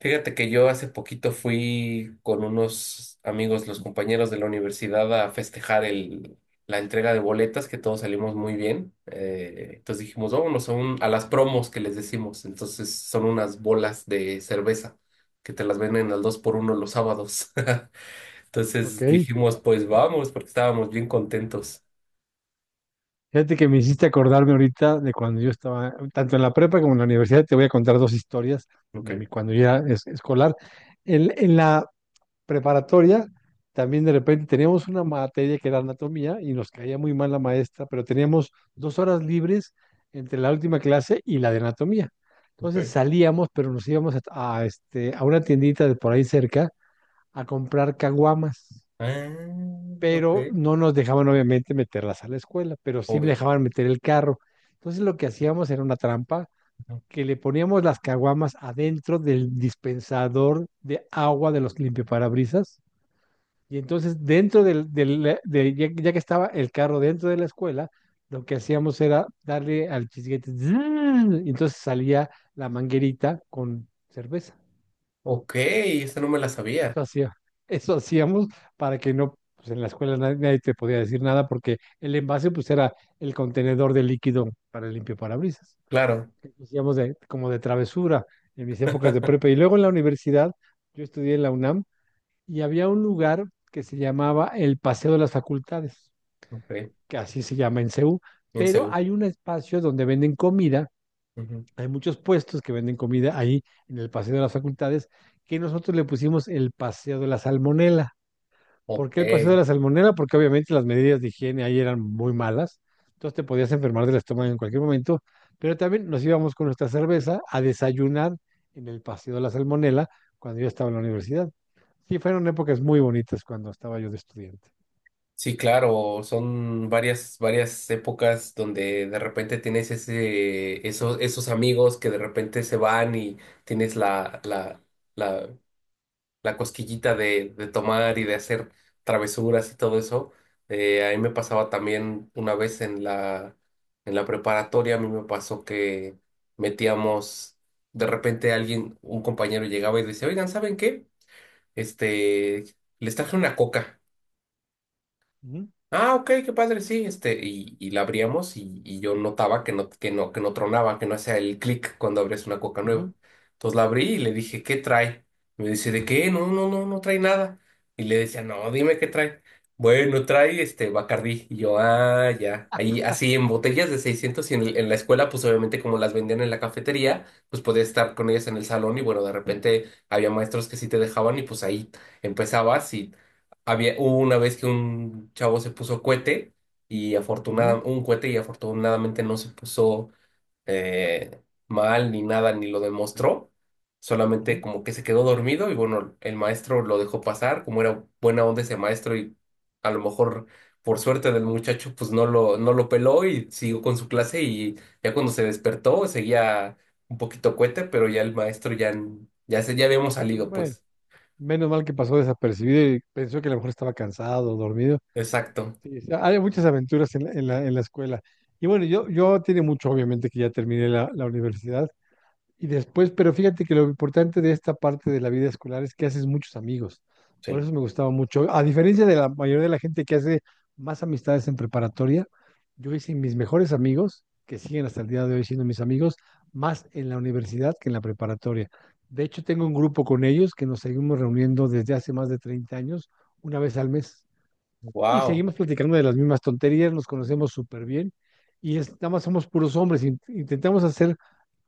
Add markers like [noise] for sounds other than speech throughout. Fíjate que yo hace poquito fui con unos amigos, los compañeros de la universidad, a festejar la entrega de boletas, que todos salimos muy bien. Entonces dijimos, vámonos a las promos que les decimos. Entonces son unas bolas de cerveza que te las venden al 2 por uno los sábados. [laughs] Ok, Entonces dijimos, pues vamos, porque estábamos bien contentos. fíjate que me hiciste acordarme ahorita de cuando yo estaba, tanto en la prepa como en la universidad, te voy a contar dos historias Ok, de mi cuando yo era escolar. En la preparatoria también de repente teníamos una materia que era anatomía y nos caía muy mal la maestra, pero teníamos 2 horas libres entre la última clase y la de anatomía. Entonces ok. salíamos, pero nos íbamos a una tiendita de por ahí cerca a comprar caguamas, Ah, ok. pero no nos dejaban obviamente meterlas a la escuela, pero sí me Obvio. dejaban meter el carro. Entonces lo que hacíamos era una trampa, Ujú. que le poníamos las caguamas adentro del dispensador de agua de los limpiaparabrisas, y entonces dentro ya, ya que estaba el carro dentro de la escuela, lo que hacíamos era darle al chisguete, zzz, y entonces salía la manguerita con cerveza. Ok, esta no me la sabía. Eso hacía, eso hacíamos para que no, pues en la escuela nadie te podía decir nada porque el envase pues era el contenedor de líquido para el limpio parabrisas. Claro. Hacíamos de, como de travesura en mis épocas de prepa. Y [laughs] luego en la universidad, yo estudié en la UNAM y había un lugar que se llamaba el Paseo de las Facultades, Ok, que así se llama en CEU, bien. pero hay un espacio donde venden comida, Ujú. hay muchos puestos que venden comida ahí en el Paseo de las Facultades, que nosotros le pusimos el Paseo de la Salmonela. ¿Por Ok, qué el Paseo de la Salmonela? Porque obviamente las medidas de higiene ahí eran muy malas, entonces te podías enfermar del estómago en cualquier momento, pero también nos íbamos con nuestra cerveza a desayunar en el Paseo de la Salmonela cuando yo estaba en la universidad. Sí, fueron épocas muy bonitas cuando estaba yo de estudiante. sí, claro, son varias, varias épocas donde de repente tienes esos, esos amigos que de repente se van y tienes la, la cosquillita de tomar y de hacer travesuras y todo eso. A mí me pasaba también una vez en en la preparatoria. A mí me pasó que metíamos, de repente alguien, un compañero llegaba y decía, oigan, ¿saben qué? Este, Les traje una coca. Ujú, Ah, ok, qué padre, sí, este, y la abríamos y yo notaba que que no tronaba, que no hacía el clic cuando abrías una coca nueva. ujú, Entonces la abrí y le dije, ¿qué trae? Me dice, ¿de qué? No trae nada. Y le decía, no, dime qué trae. Bueno, trae este Bacardí. Y yo, ah, ya. Ahí, así en botellas de 600 y en la escuela, pues obviamente como las vendían en la cafetería, pues podías estar con ellas en el salón. Y bueno, de repente había maestros que sí te dejaban y pues ahí empezabas. Hubo una vez que un chavo se puso cohete y ujú, afortunadamente no se puso, eh, mal ni nada, ni lo demostró. Solamente ujú. como que se quedó dormido y bueno, el maestro lo dejó pasar, como era buena onda ese maestro. Y a lo mejor por suerte del muchacho pues no lo peló y siguió con su clase. Y ya cuando se despertó seguía un poquito cohete, pero ya el maestro ya, ya habíamos salido Bueno, pues. menos mal que pasó desapercibido y pensó que a lo mejor estaba cansado, dormido. Exacto. Sí, sí, hay muchas aventuras en en la escuela. Y bueno, yo tiene mucho, obviamente, que ya terminé la universidad. Y después, pero fíjate que lo importante de esta parte de la vida escolar es que haces muchos amigos. Por Sí. eso me gustaba mucho. A diferencia de la mayoría de la gente que hace más amistades en preparatoria, yo hice mis mejores amigos, que siguen hasta el día de hoy siendo mis amigos, más en la universidad que en la preparatoria. De hecho, tengo un grupo con ellos que nos seguimos reuniendo desde hace más de 30 años, una vez al mes, y Wow, seguimos platicando de las mismas tonterías, nos conocemos súper bien y es, nada más somos puros hombres. Intentamos hacer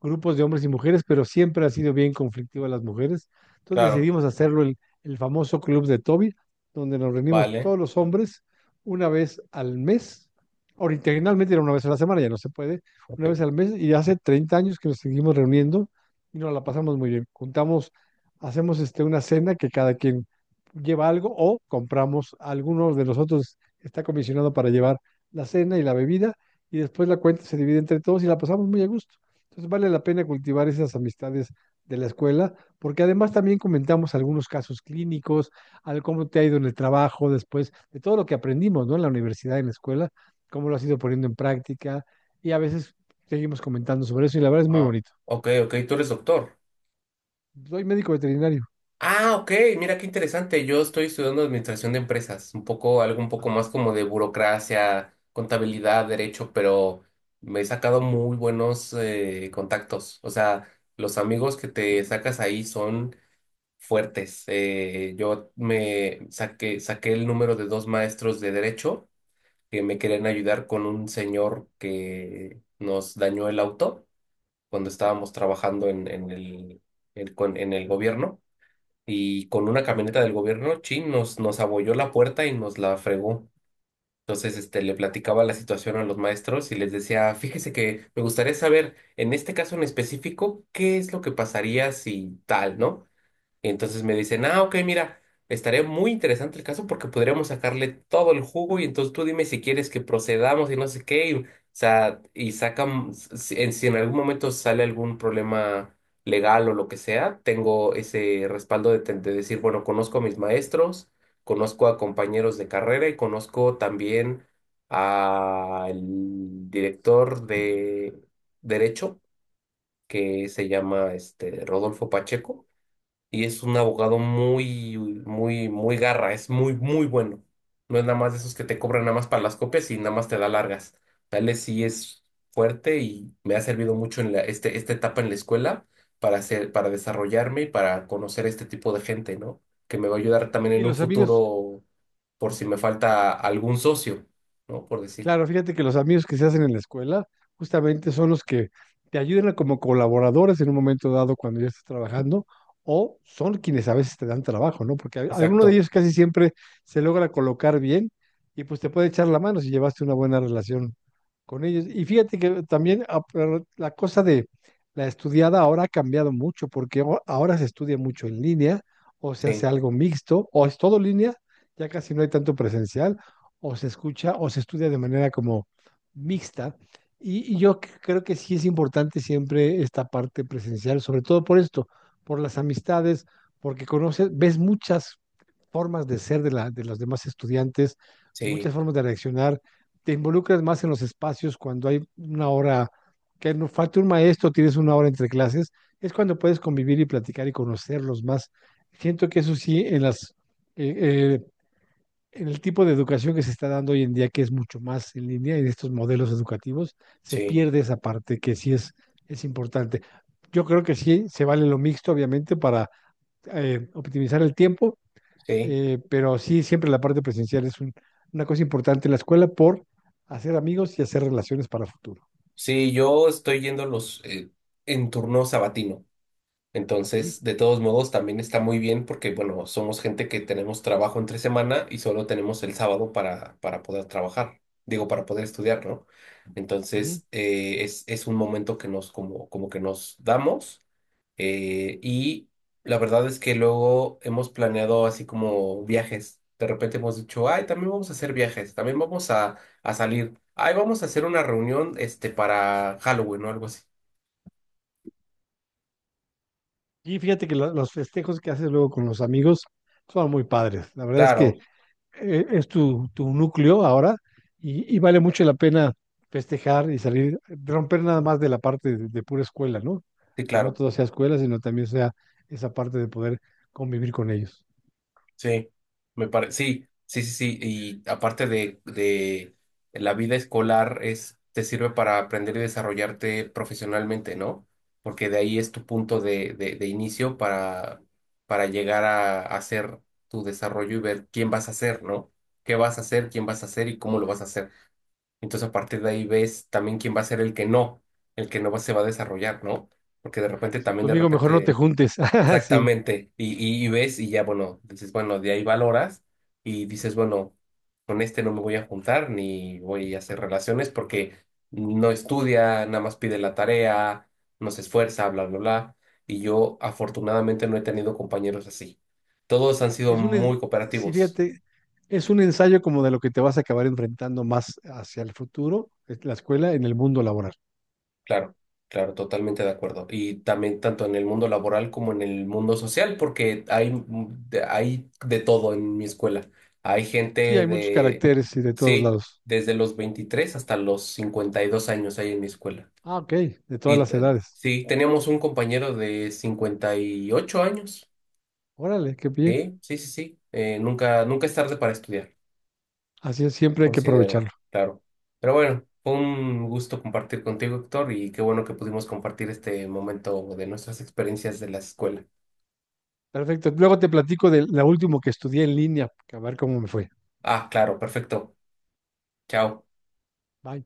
grupos de hombres y mujeres, pero siempre ha sido bien conflictiva las mujeres. Entonces claro. decidimos hacerlo el famoso club de Toby, donde nos reunimos Vale, todos los hombres una vez al mes. Originalmente era una vez a la semana, ya no se puede, una ok. vez al mes, y hace 30 años que nos seguimos reuniendo y nos la pasamos muy bien. Juntamos, hacemos este, una cena que cada quien lleva algo o compramos, algunos de nosotros está comisionado para llevar la cena y la bebida, y después la cuenta se divide entre todos y la pasamos muy a gusto. Entonces vale la pena cultivar esas amistades de la escuela porque además también comentamos algunos casos clínicos, al cómo te ha ido en el trabajo después, de todo lo que aprendimos, ¿no? En la universidad, en la escuela, cómo lo has ido poniendo en práctica y a veces seguimos comentando sobre eso, y la verdad es muy Ah, bonito. ok, ok, tú eres doctor. Soy médico veterinario Ah, ok, mira qué interesante. Yo estoy estudiando administración de empresas, un poco, algo un poco más como de burocracia, contabilidad, derecho, pero me he sacado muy buenos contactos. O sea, los amigos que te sacas ahí son fuertes. Yo me saqué, saqué el número de dos maestros de derecho que me querían ayudar con un señor que nos dañó el auto. Cuando estábamos trabajando en el gobierno y con una camioneta del gobierno, chin, nos abolló la puerta y nos la fregó. Entonces, este, le platicaba la situación a los maestros y les decía, fíjese que me gustaría saber, en este caso en específico, qué es lo que pasaría si tal, ¿no? Y entonces me dicen, ah, ok, mira, estaría muy interesante el caso porque podríamos sacarle todo el jugo, y entonces tú dime si quieres que procedamos y no sé qué. O sea, y sacan, si en algún momento sale algún problema legal o lo que sea, tengo ese respaldo de decir, bueno, conozco a mis maestros, conozco a compañeros de carrera y conozco también al director de Derecho, que se llama este, Rodolfo Pacheco, y es un abogado muy, muy garra, es muy, muy bueno. No es nada más de esos que te cobran nada más para las copias y nada más te da largas. Tal vez sí es fuerte y me ha servido mucho en este, esta etapa en la escuela para hacer, para desarrollarme y para conocer este tipo de gente, ¿no? Que me va a ayudar también y en un los amigos. futuro por si me falta algún socio, ¿no? Por decir. Claro, fíjate que los amigos que se hacen en la escuela justamente son los que te ayudan como colaboradores en un momento dado cuando ya estás trabajando, o son quienes a veces te dan trabajo, ¿no? Porque alguno de Exacto. ellos casi siempre se logra colocar bien y pues te puede echar la mano si llevaste una buena relación con ellos. Y fíjate que también ah, pero la cosa de la estudiada ahora ha cambiado mucho porque ahora se estudia mucho en línea o se hace Sí, algo mixto o es todo línea, ya casi no hay tanto presencial, o se escucha o se estudia de manera como mixta. Y yo creo que sí es importante siempre esta parte presencial, sobre todo por esto, por las amistades, porque conoces, ves muchas formas de ser de, la, de los demás estudiantes, muchas sí, formas de reaccionar, te involucras más en los espacios cuando hay una hora, que no falta un maestro, tienes una hora entre clases, es cuando puedes convivir y platicar y conocerlos más. Siento que eso sí, en las eh, eh, el tipo de educación que se está dando hoy en día, que es mucho más en línea y de estos modelos educativos, se sí, pierde esa parte que sí es importante. Yo creo que sí, se vale lo mixto, obviamente, para optimizar el tiempo, sí. Pero sí, siempre la parte presencial es una cosa importante en la escuela por hacer amigos y hacer relaciones para el futuro. Sí, yo estoy yendo los en turno sabatino. Ok. Entonces, de todos modos, también está muy bien porque, bueno, somos gente que tenemos trabajo entre semana y solo tenemos el sábado para poder trabajar, digo, para poder estudiar, ¿no? Ujú. Entonces, es un momento que nos, como que nos damos y la verdad es que luego hemos planeado así como viajes. De repente hemos dicho, ay, también vamos a hacer viajes, también vamos a salir, ay, vamos a hacer una reunión, este, para Halloween o algo así. Y fíjate que los festejos que haces luego con los amigos son muy padres. La verdad es que Claro, es tu, tu núcleo ahora, y vale mucho la pena festejar y salir, romper nada más de la parte de pura escuela, ¿no? sí, Que no claro. todo sea escuela, sino también sea esa parte de poder convivir con ellos. Sí, me parece, sí, sí, sí, sí, y aparte de la vida escolar es, te sirve para aprender y desarrollarte profesionalmente, ¿no? Porque de ahí es tu punto de inicio para llegar a, hacer tu desarrollo y ver quién vas a ser, ¿no? ¿Qué vas a hacer, quién vas a hacer y cómo lo vas a hacer? Entonces a partir de ahí ves también quién va a ser el que no se va a desarrollar, ¿no? Porque de repente Sí, también de conmigo mejor no te repente. juntes. [laughs] Sí, Exactamente. Y ves y ya, bueno, dices, bueno, de ahí valoras y dices, bueno, con este no me voy a juntar ni voy a hacer relaciones porque no estudia, nada más pide la tarea, no se esfuerza, bla, bla, bla. Y yo afortunadamente no he tenido compañeros así. Todos han sido es muy sí, cooperativos. fíjate, es un ensayo como de lo que te vas a acabar enfrentando más hacia el futuro, es la escuela en el mundo laboral. Claro, claro, totalmente de acuerdo. Y también tanto en el mundo laboral como en el mundo social, porque hay, mm, hay de todo en mi escuela. Hay Sí, gente hay muchos de, caracteres y de todos sí, lados. desde los 23 hasta los 52 años hay en mi escuela. Ah, ok, de todas Y las edades. sí, teníamos un compañero de 58 años. Órale, qué bien. Sí, sí, sí, sí. Nunca, nunca es tarde para estudiar. Así es, siempre hay que Considero, aprovechar. claro. Pero bueno, fue un gusto compartir contigo, Héctor, y qué bueno que pudimos compartir este momento de nuestras experiencias de la escuela. Perfecto. Luego te platico de la último que estudié en línea, a ver cómo me fue. Ah, claro, perfecto. Chao. Bye.